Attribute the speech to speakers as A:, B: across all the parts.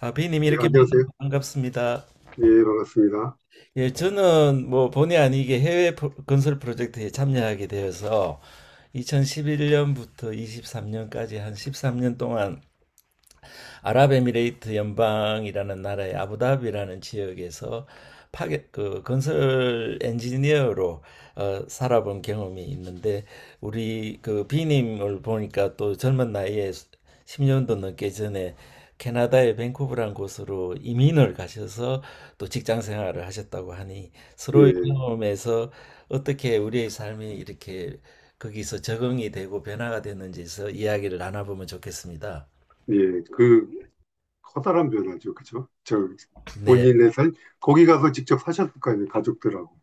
A: 아, 비님
B: 네,
A: 이렇게
B: 안녕하세요.
A: 만나서 반갑습니다.
B: 예, 반갑습니다.
A: 예, 저는 뭐 본의 아니게 해외 건설 프로젝트에 참여하게 되어서 2011년부터 23년까지 한 13년 동안 아랍에미레이트 연방이라는 나라의 아부다비라는 지역에서 파괴, 그 건설 엔지니어로 살아본 경험이 있는데, 우리 그 비님을 보니까 또 젊은 나이에 10년도 넘게 전에 캐나다의 밴쿠버라는 곳으로 이민을 가셔서 또 직장 생활을 하셨다고 하니, 서로의
B: 예,
A: 경험에서 어떻게 우리의 삶이 이렇게 거기서 적응이 되고 변화가 됐는지에서 이야기를 나눠보면 좋겠습니다.
B: 예, 그 커다란 변화죠, 그죠? 저
A: 네.
B: 본인의 살 거기 가서 직접 사셨을 거 아니에요, 가족들하고.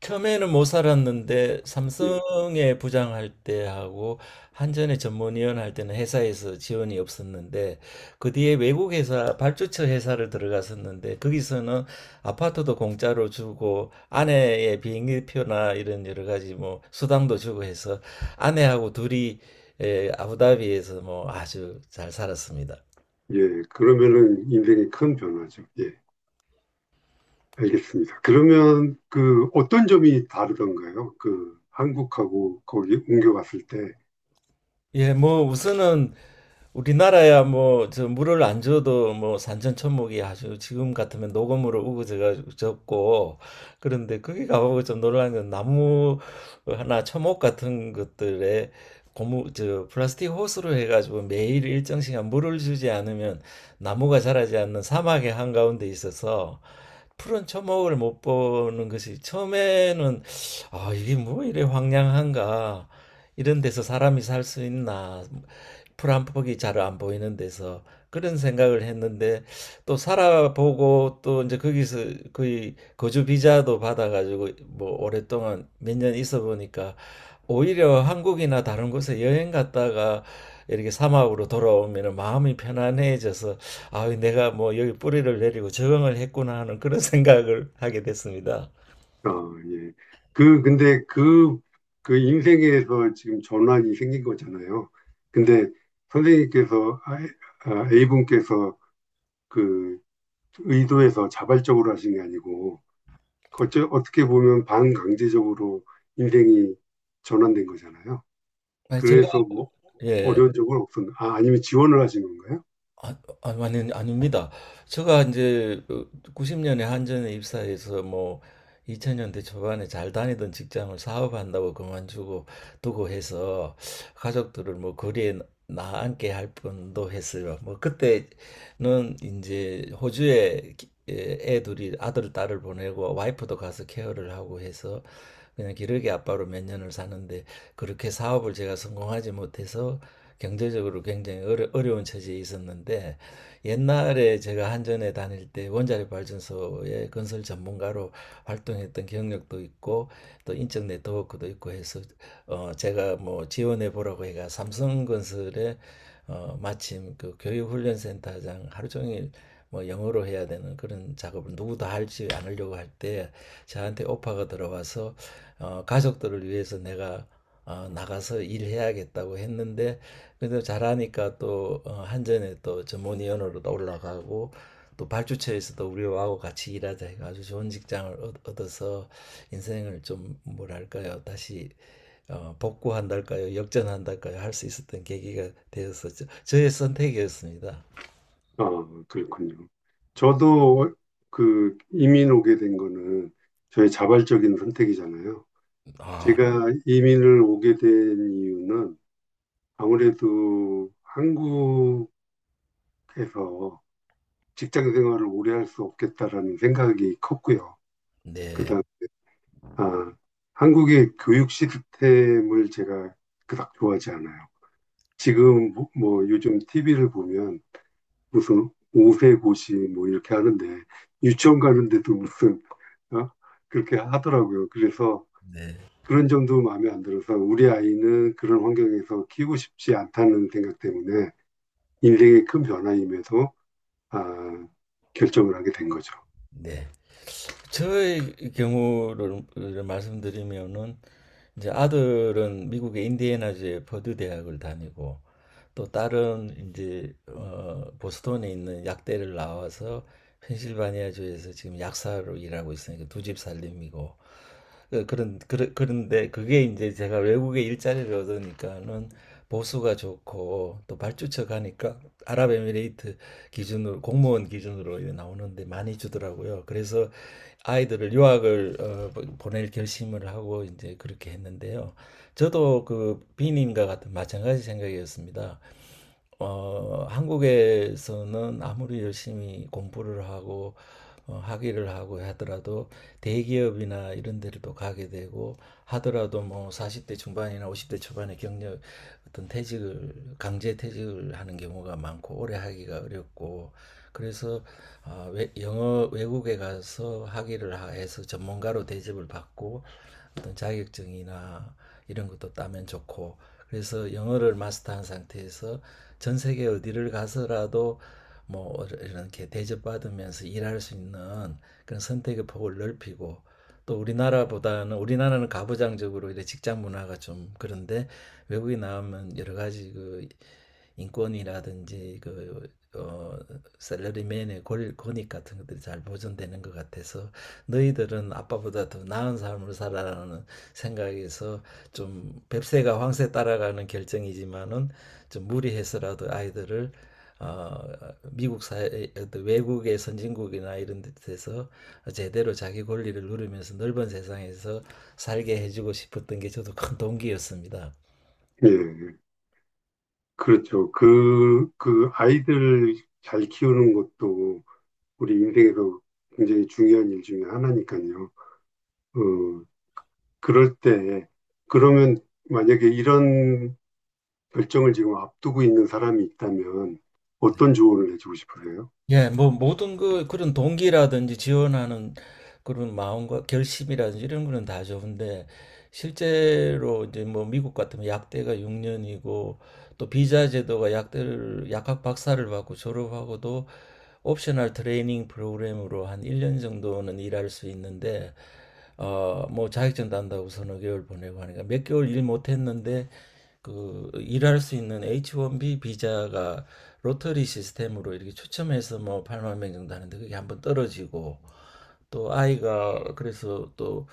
A: 처음에는 못 살았는데
B: 예,
A: 삼성에 부장할 때하고 한전에 전문위원 할 때는 회사에서 지원이 없었는데, 그 뒤에 외국 회사 발주처 회사를 들어갔었는데 거기서는 아파트도 공짜로 주고 아내의 비행기표나 이런 여러 가지 뭐 수당도 주고 해서 아내하고 둘이 아부다비에서 뭐 아주 잘 살았습니다.
B: 예, 그러면은 인생이 큰 변화죠. 예, 알겠습니다. 그러면 그 어떤 점이 다르던가요? 그 한국하고 거기 옮겨갔을 때,
A: 예, 뭐 우선은 우리나라야 뭐 저 물을 안 줘도 뭐 산천초목이 아주 지금 같으면 녹음으로 우거져가지고 졌고, 그런데 거기 가보고 좀 놀란 건 나무 하나 초목 같은 것들에 고무 저 플라스틱 호스로 해가지고 매일 일정 시간 물을 주지 않으면 나무가 자라지 않는 사막의 한가운데 있어서 푸른 초목을 못 보는 것이, 처음에는 아 이게 뭐 이래 황량한가, 이런 데서 사람이 살 수 있나, 풀 한 폭이 잘 안 보이는 데서 그런 생각을 했는데, 또 살아보고 또 이제 거기서 거의 거주 비자도 받아가지고 뭐 오랫동안 몇 년 있어 보니까, 오히려 한국이나 다른 곳에 여행 갔다가 이렇게 사막으로 돌아오면 마음이 편안해져서, 아 내가 뭐 여기 뿌리를 내리고 적응을 했구나 하는 그런 생각을 하게 됐습니다.
B: 어, 예. 그, 근데 그, 그 인생에서 지금 전환이 생긴 거잖아요. 근데 선생님께서, 아, 아, A분께서 그 의도해서 자발적으로 하신 게 아니고, 어째, 어떻게 보면 반강제적으로 인생이 전환된 거잖아요.
A: 아니, 제가,
B: 그래서 뭐
A: 예.
B: 어려운 적은 없었나? 아, 아니면 지원을 하신 건가요?
A: 아, 아니, 아닙니다. 제가 이제 90년에 한전에 입사해서 뭐 2000년대 초반에 잘 다니던 직장을 사업한다고 그만두고 두고 해서 가족들을 뭐 거리에 나앉게 할 뻔도 했어요. 뭐 그때는 이제 호주에 예, 애 둘이 아들 딸을 보내고 와이프도 가서 케어를 하고 해서 그냥 기러기 아빠로 몇 년을 사는데, 그렇게 사업을 제가 성공하지 못해서 경제적으로 굉장히 어려운 처지에 있었는데, 옛날에 제가 한전에 다닐 때 원자력 발전소의 건설 전문가로 활동했던 경력도 있고 또 인적 네트워크도 있고 해서 제가 뭐 지원해 보라고 해가 삼성건설에 마침 그 교육훈련센터장 하루 종일 뭐 영어로 해야 되는 그런 작업을 누구도 할지 않으려고 할 때 저한테 오파가 들어와서 가족들을 위해서 내가 나가서 일해야겠다고 했는데, 근데 잘하니까 또 한전에 또 전문위원으로 또 올라가고, 또 발주처에서도 우리하고 같이 일하자 해서 아주 좋은 직장을 얻어서 인생을 좀 뭐랄까요, 다시 복구한달까요 역전한달까요 할 수 있었던 계기가 되어서, 저의 선택이었습니다.
B: 아, 그렇군요. 저도 그 이민 오게 된 거는 저의 자발적인 선택이잖아요.
A: 아,
B: 제가 이민을 오게 된 이유는 아무래도 한국에서 직장 생활을 오래 할 수 없겠다라는 생각이 컸고요.
A: 네,
B: 그다음에 아, 한국의 교육 시스템을 제가 그닥 좋아하지 않아요. 지금 뭐 요즘 TV를 보면 무슨 오세고시 뭐 이렇게 하는데 유치원 가는데도 무슨 어? 그렇게 하더라고요. 그래서
A: 네,
B: 그런 점도 마음에 안 들어서 우리 아이는 그런 환경에서 키우고 싶지 않다는 생각 때문에 인생의 큰 변화임에도 아, 결정을 하게 된 거죠.
A: 네. 저의 경우를 말씀드리면은 이제 아들은 미국의 인디애나주의 퍼듀 대학을 다니고, 또 다른 이제 보스턴에 있는 약대를 나와서 펜실바니아주에서 지금 약사로 일하고 있으니까 두 집 살림이고, 그런 그런데 그게 이제 제가 외국에 일자리를 얻으니까는 보수가 좋고, 또 발주처 가니까 아랍에미레이트 기준으로, 공무원 기준으로 이제 나오는데 많이 주더라고요. 그래서 아이들을 유학을 보낼 결심을 하고 이제 그렇게 했는데요. 저도 그 비님과 같은 마찬가지 생각이었습니다. 한국에서는 아무리 열심히 공부를 하고 학위를 하고 하더라도 대기업이나 이런 데를 또 가게 되고 하더라도 뭐 40대 중반이나 50대 초반에 경력 어떤 퇴직을, 강제 퇴직을 하는 경우가 많고 오래 하기가 어렵고, 그래서 영어 외국에 가서 학위를 해서 전문가로 대접을 받고 어떤 자격증이나 이런 것도 따면 좋고, 그래서 영어를 마스터한 상태에서 전 세계 어디를 가서라도 뭐 이렇게 대접받으면서 일할 수 있는 그런 선택의 폭을 넓히고, 또 우리나라보다는, 우리나라는 가부장적으로 이래 직장 문화가 좀 그런데 외국에 나오면 여러 가지 그 인권이라든지 그 어, 셀러리맨의 익 같은 것들이 잘 보존되는 것 같아서, 너희들은 아빠보다 더 나은 삶을 살아라는 생각에서, 좀 뱁새가 황새 따라가는 결정이지만은 좀 무리해서라도 아이들을 어, 미국 사회, 외국의 선진국이나 이런 데서 제대로 자기 권리를 누리면서 넓은 세상에서 살게 해주고 싶었던 게 저도 큰 동기였습니다.
B: 예, 그렇죠. 그, 그 아이들 잘 키우는 것도 우리 인생에서 굉장히 중요한 일 중에 하나니까요. 어, 그럴 때, 그러면 만약에 이런 결정을 지금 앞두고 있는 사람이 있다면 어떤 조언을 해주고 싶으세요?
A: 예, 뭐 모든 그 그런 동기라든지 지원하는 그런 마음과 결심이라든지 이런 거는 다 좋은데, 실제로 이제 뭐 미국 같으면 약대가 6년이고, 또 비자 제도가 약대를, 약학 박사를 받고 졸업하고도 옵셔널 트레이닝 프로그램으로 한 1년 정도는 일할 수 있는데 뭐 자격증 딴다고 서너 개월 보내고 하니까 몇 개월 일 못했는데, 그 일할 수 있는 H1B 비자가 로터리 시스템으로 이렇게 추첨해서 뭐 8만 명 정도 하는데 그게 한번 떨어지고, 또 아이가 그래서 또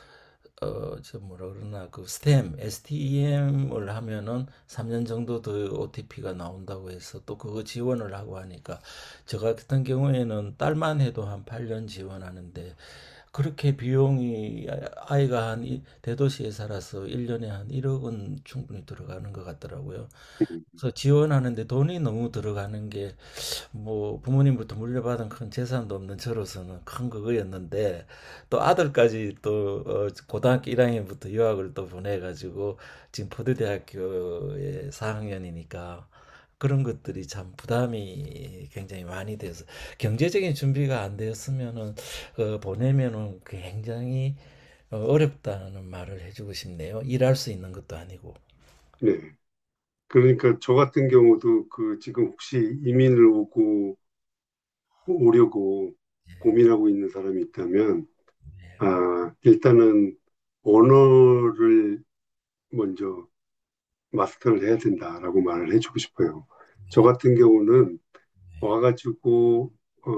A: 저 뭐라 그러나 그 STEM을 하면은 3년 정도 더 OTP가 나온다고 해서 또 그거 지원을 하고 하니까, 저 같은 경우에는 딸만 해도 한 8년 지원하는데 그렇게 비용이, 아이가 한 대도시에 살아서 1년에 한 1억은 충분히 들어가는 것 같더라고요. 그래서 지원하는데 돈이 너무 들어가는 게 뭐 부모님부터 물려받은 큰 재산도 없는 저로서는 큰 그거였는데, 또 아들까지 또 고등학교 1학년부터 유학을 또 보내가지고 지금 포드대학교에 4학년이니까 그런 것들이 참 부담이 굉장히 많이 돼서, 경제적인 준비가 안 되었으면은 보내면은 굉장히 어렵다는 말을 해주고 싶네요. 일할 수 있는 것도 아니고.
B: 네. 그러니까 저 같은 경우도 그 지금 혹시 이민을 오고 오려고 고민하고 있는 사람이 있다면 아, 일단은 언어를 먼저 마스터를 해야 된다라고 말을 해주고 싶어요. 저
A: 예,
B: 같은 경우는 와가지고 어,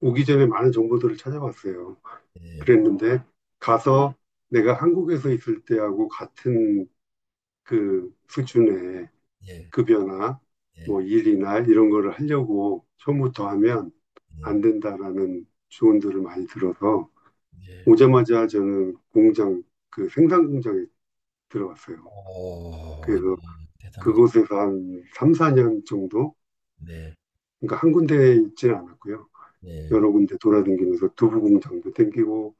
B: 오기 전에 많은 정보들을 찾아봤어요.
A: 예,
B: 그랬는데 가서 내가 한국에서 있을 때하고 같은 그 수준의
A: 예.
B: 급여나
A: 네.
B: 뭐 일이나 이런 거를 하려고 처음부터 하면
A: 네.
B: 안 된다라는 조언들을 많이 들어서
A: 네.
B: 오자마자 저는 공장 그 생산 공장에 들어갔어요.
A: 어.
B: 그래서
A: 네. 대단하시
B: 그곳에서 한 3, 4년 정도
A: 네.
B: 그러니까 한 군데에 있지는 않았고요.
A: 네.
B: 여러 군데 돌아다니면서 두부 공장도 땡기고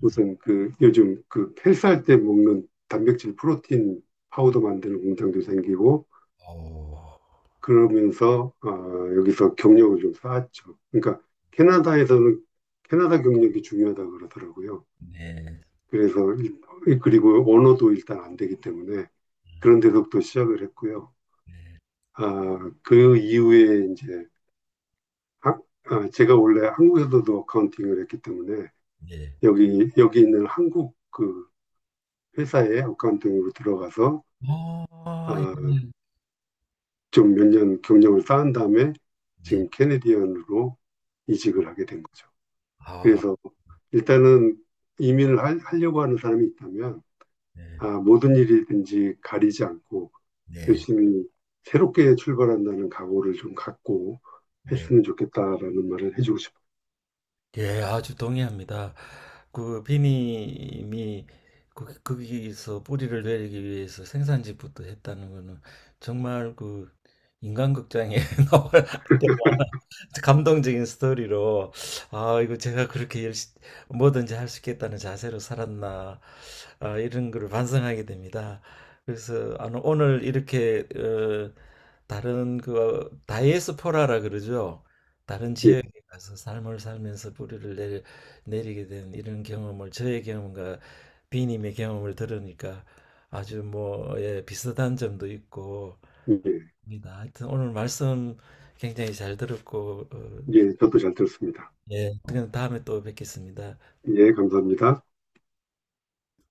A: 음.
B: 무슨 그 요즘 그 헬스할 때 먹는 단백질 프로틴
A: 음.
B: 파우더 만드는 공장도 생기고
A: 어.
B: 그러면서 어, 여기서 경력을 좀 쌓았죠. 그러니까 캐나다에서는 캐나다 경력이 중요하다 그러더라고요.
A: 네.
B: 그래서 일- 그리고 언어도 일단 안 되기 때문에 그런 데서부터 시작을 했고요.
A: 네.
B: 아, 그 이후에 이제 하- 아, 제가 원래 한국에서도 어카운팅을 했기 때문에
A: 네.
B: 여기 있는 한국 그 회사의 어카운팅으로 들어가서
A: 아.
B: 아,
A: 네.
B: 좀 몇 년 경력을 쌓은 다음에
A: 네.
B: 지금 캐네디언으로 이직을 하게 된 거죠.
A: 아.
B: 그래서 일단은 이민을 하려고 하는 사람이 있다면
A: 네.
B: 아, 모든 일이든지 가리지 않고
A: 네.
B: 열심히 새롭게 출발한다는 각오를 좀 갖고
A: 네.
B: 했으면 좋겠다라는 말을 해주고 싶어요.
A: 예, 아주 동의합니다. 그 비님이 거기서 뿌리를 내리기 위해서 생산직부터 했다는 거는 정말 그 인간극장에 나와 감동적인 스토리로, 아 이거 제가 그렇게 열심 뭐든지 할 수 있겠다는 자세로 살았나, 아, 이런 거를 반성하게 됩니다. 그래서 아, 오늘 이렇게 다른 그 다이에스포라라 그러죠. 다른
B: 예,
A: 지역, 그래서 삶을 살면서 내리게 된 이런 경험을, 저의 경험과 비님의 경험을 들으니까 아주 뭐 예, 비슷한 점도 있고
B: 예,
A: 합니다. 하여튼 오늘 말씀 굉장히 잘 들었고
B: 예, 저도 잘 들었습니다.
A: 예, 그럼 다음에 또 뵙겠습니다.
B: 예, 감사합니다.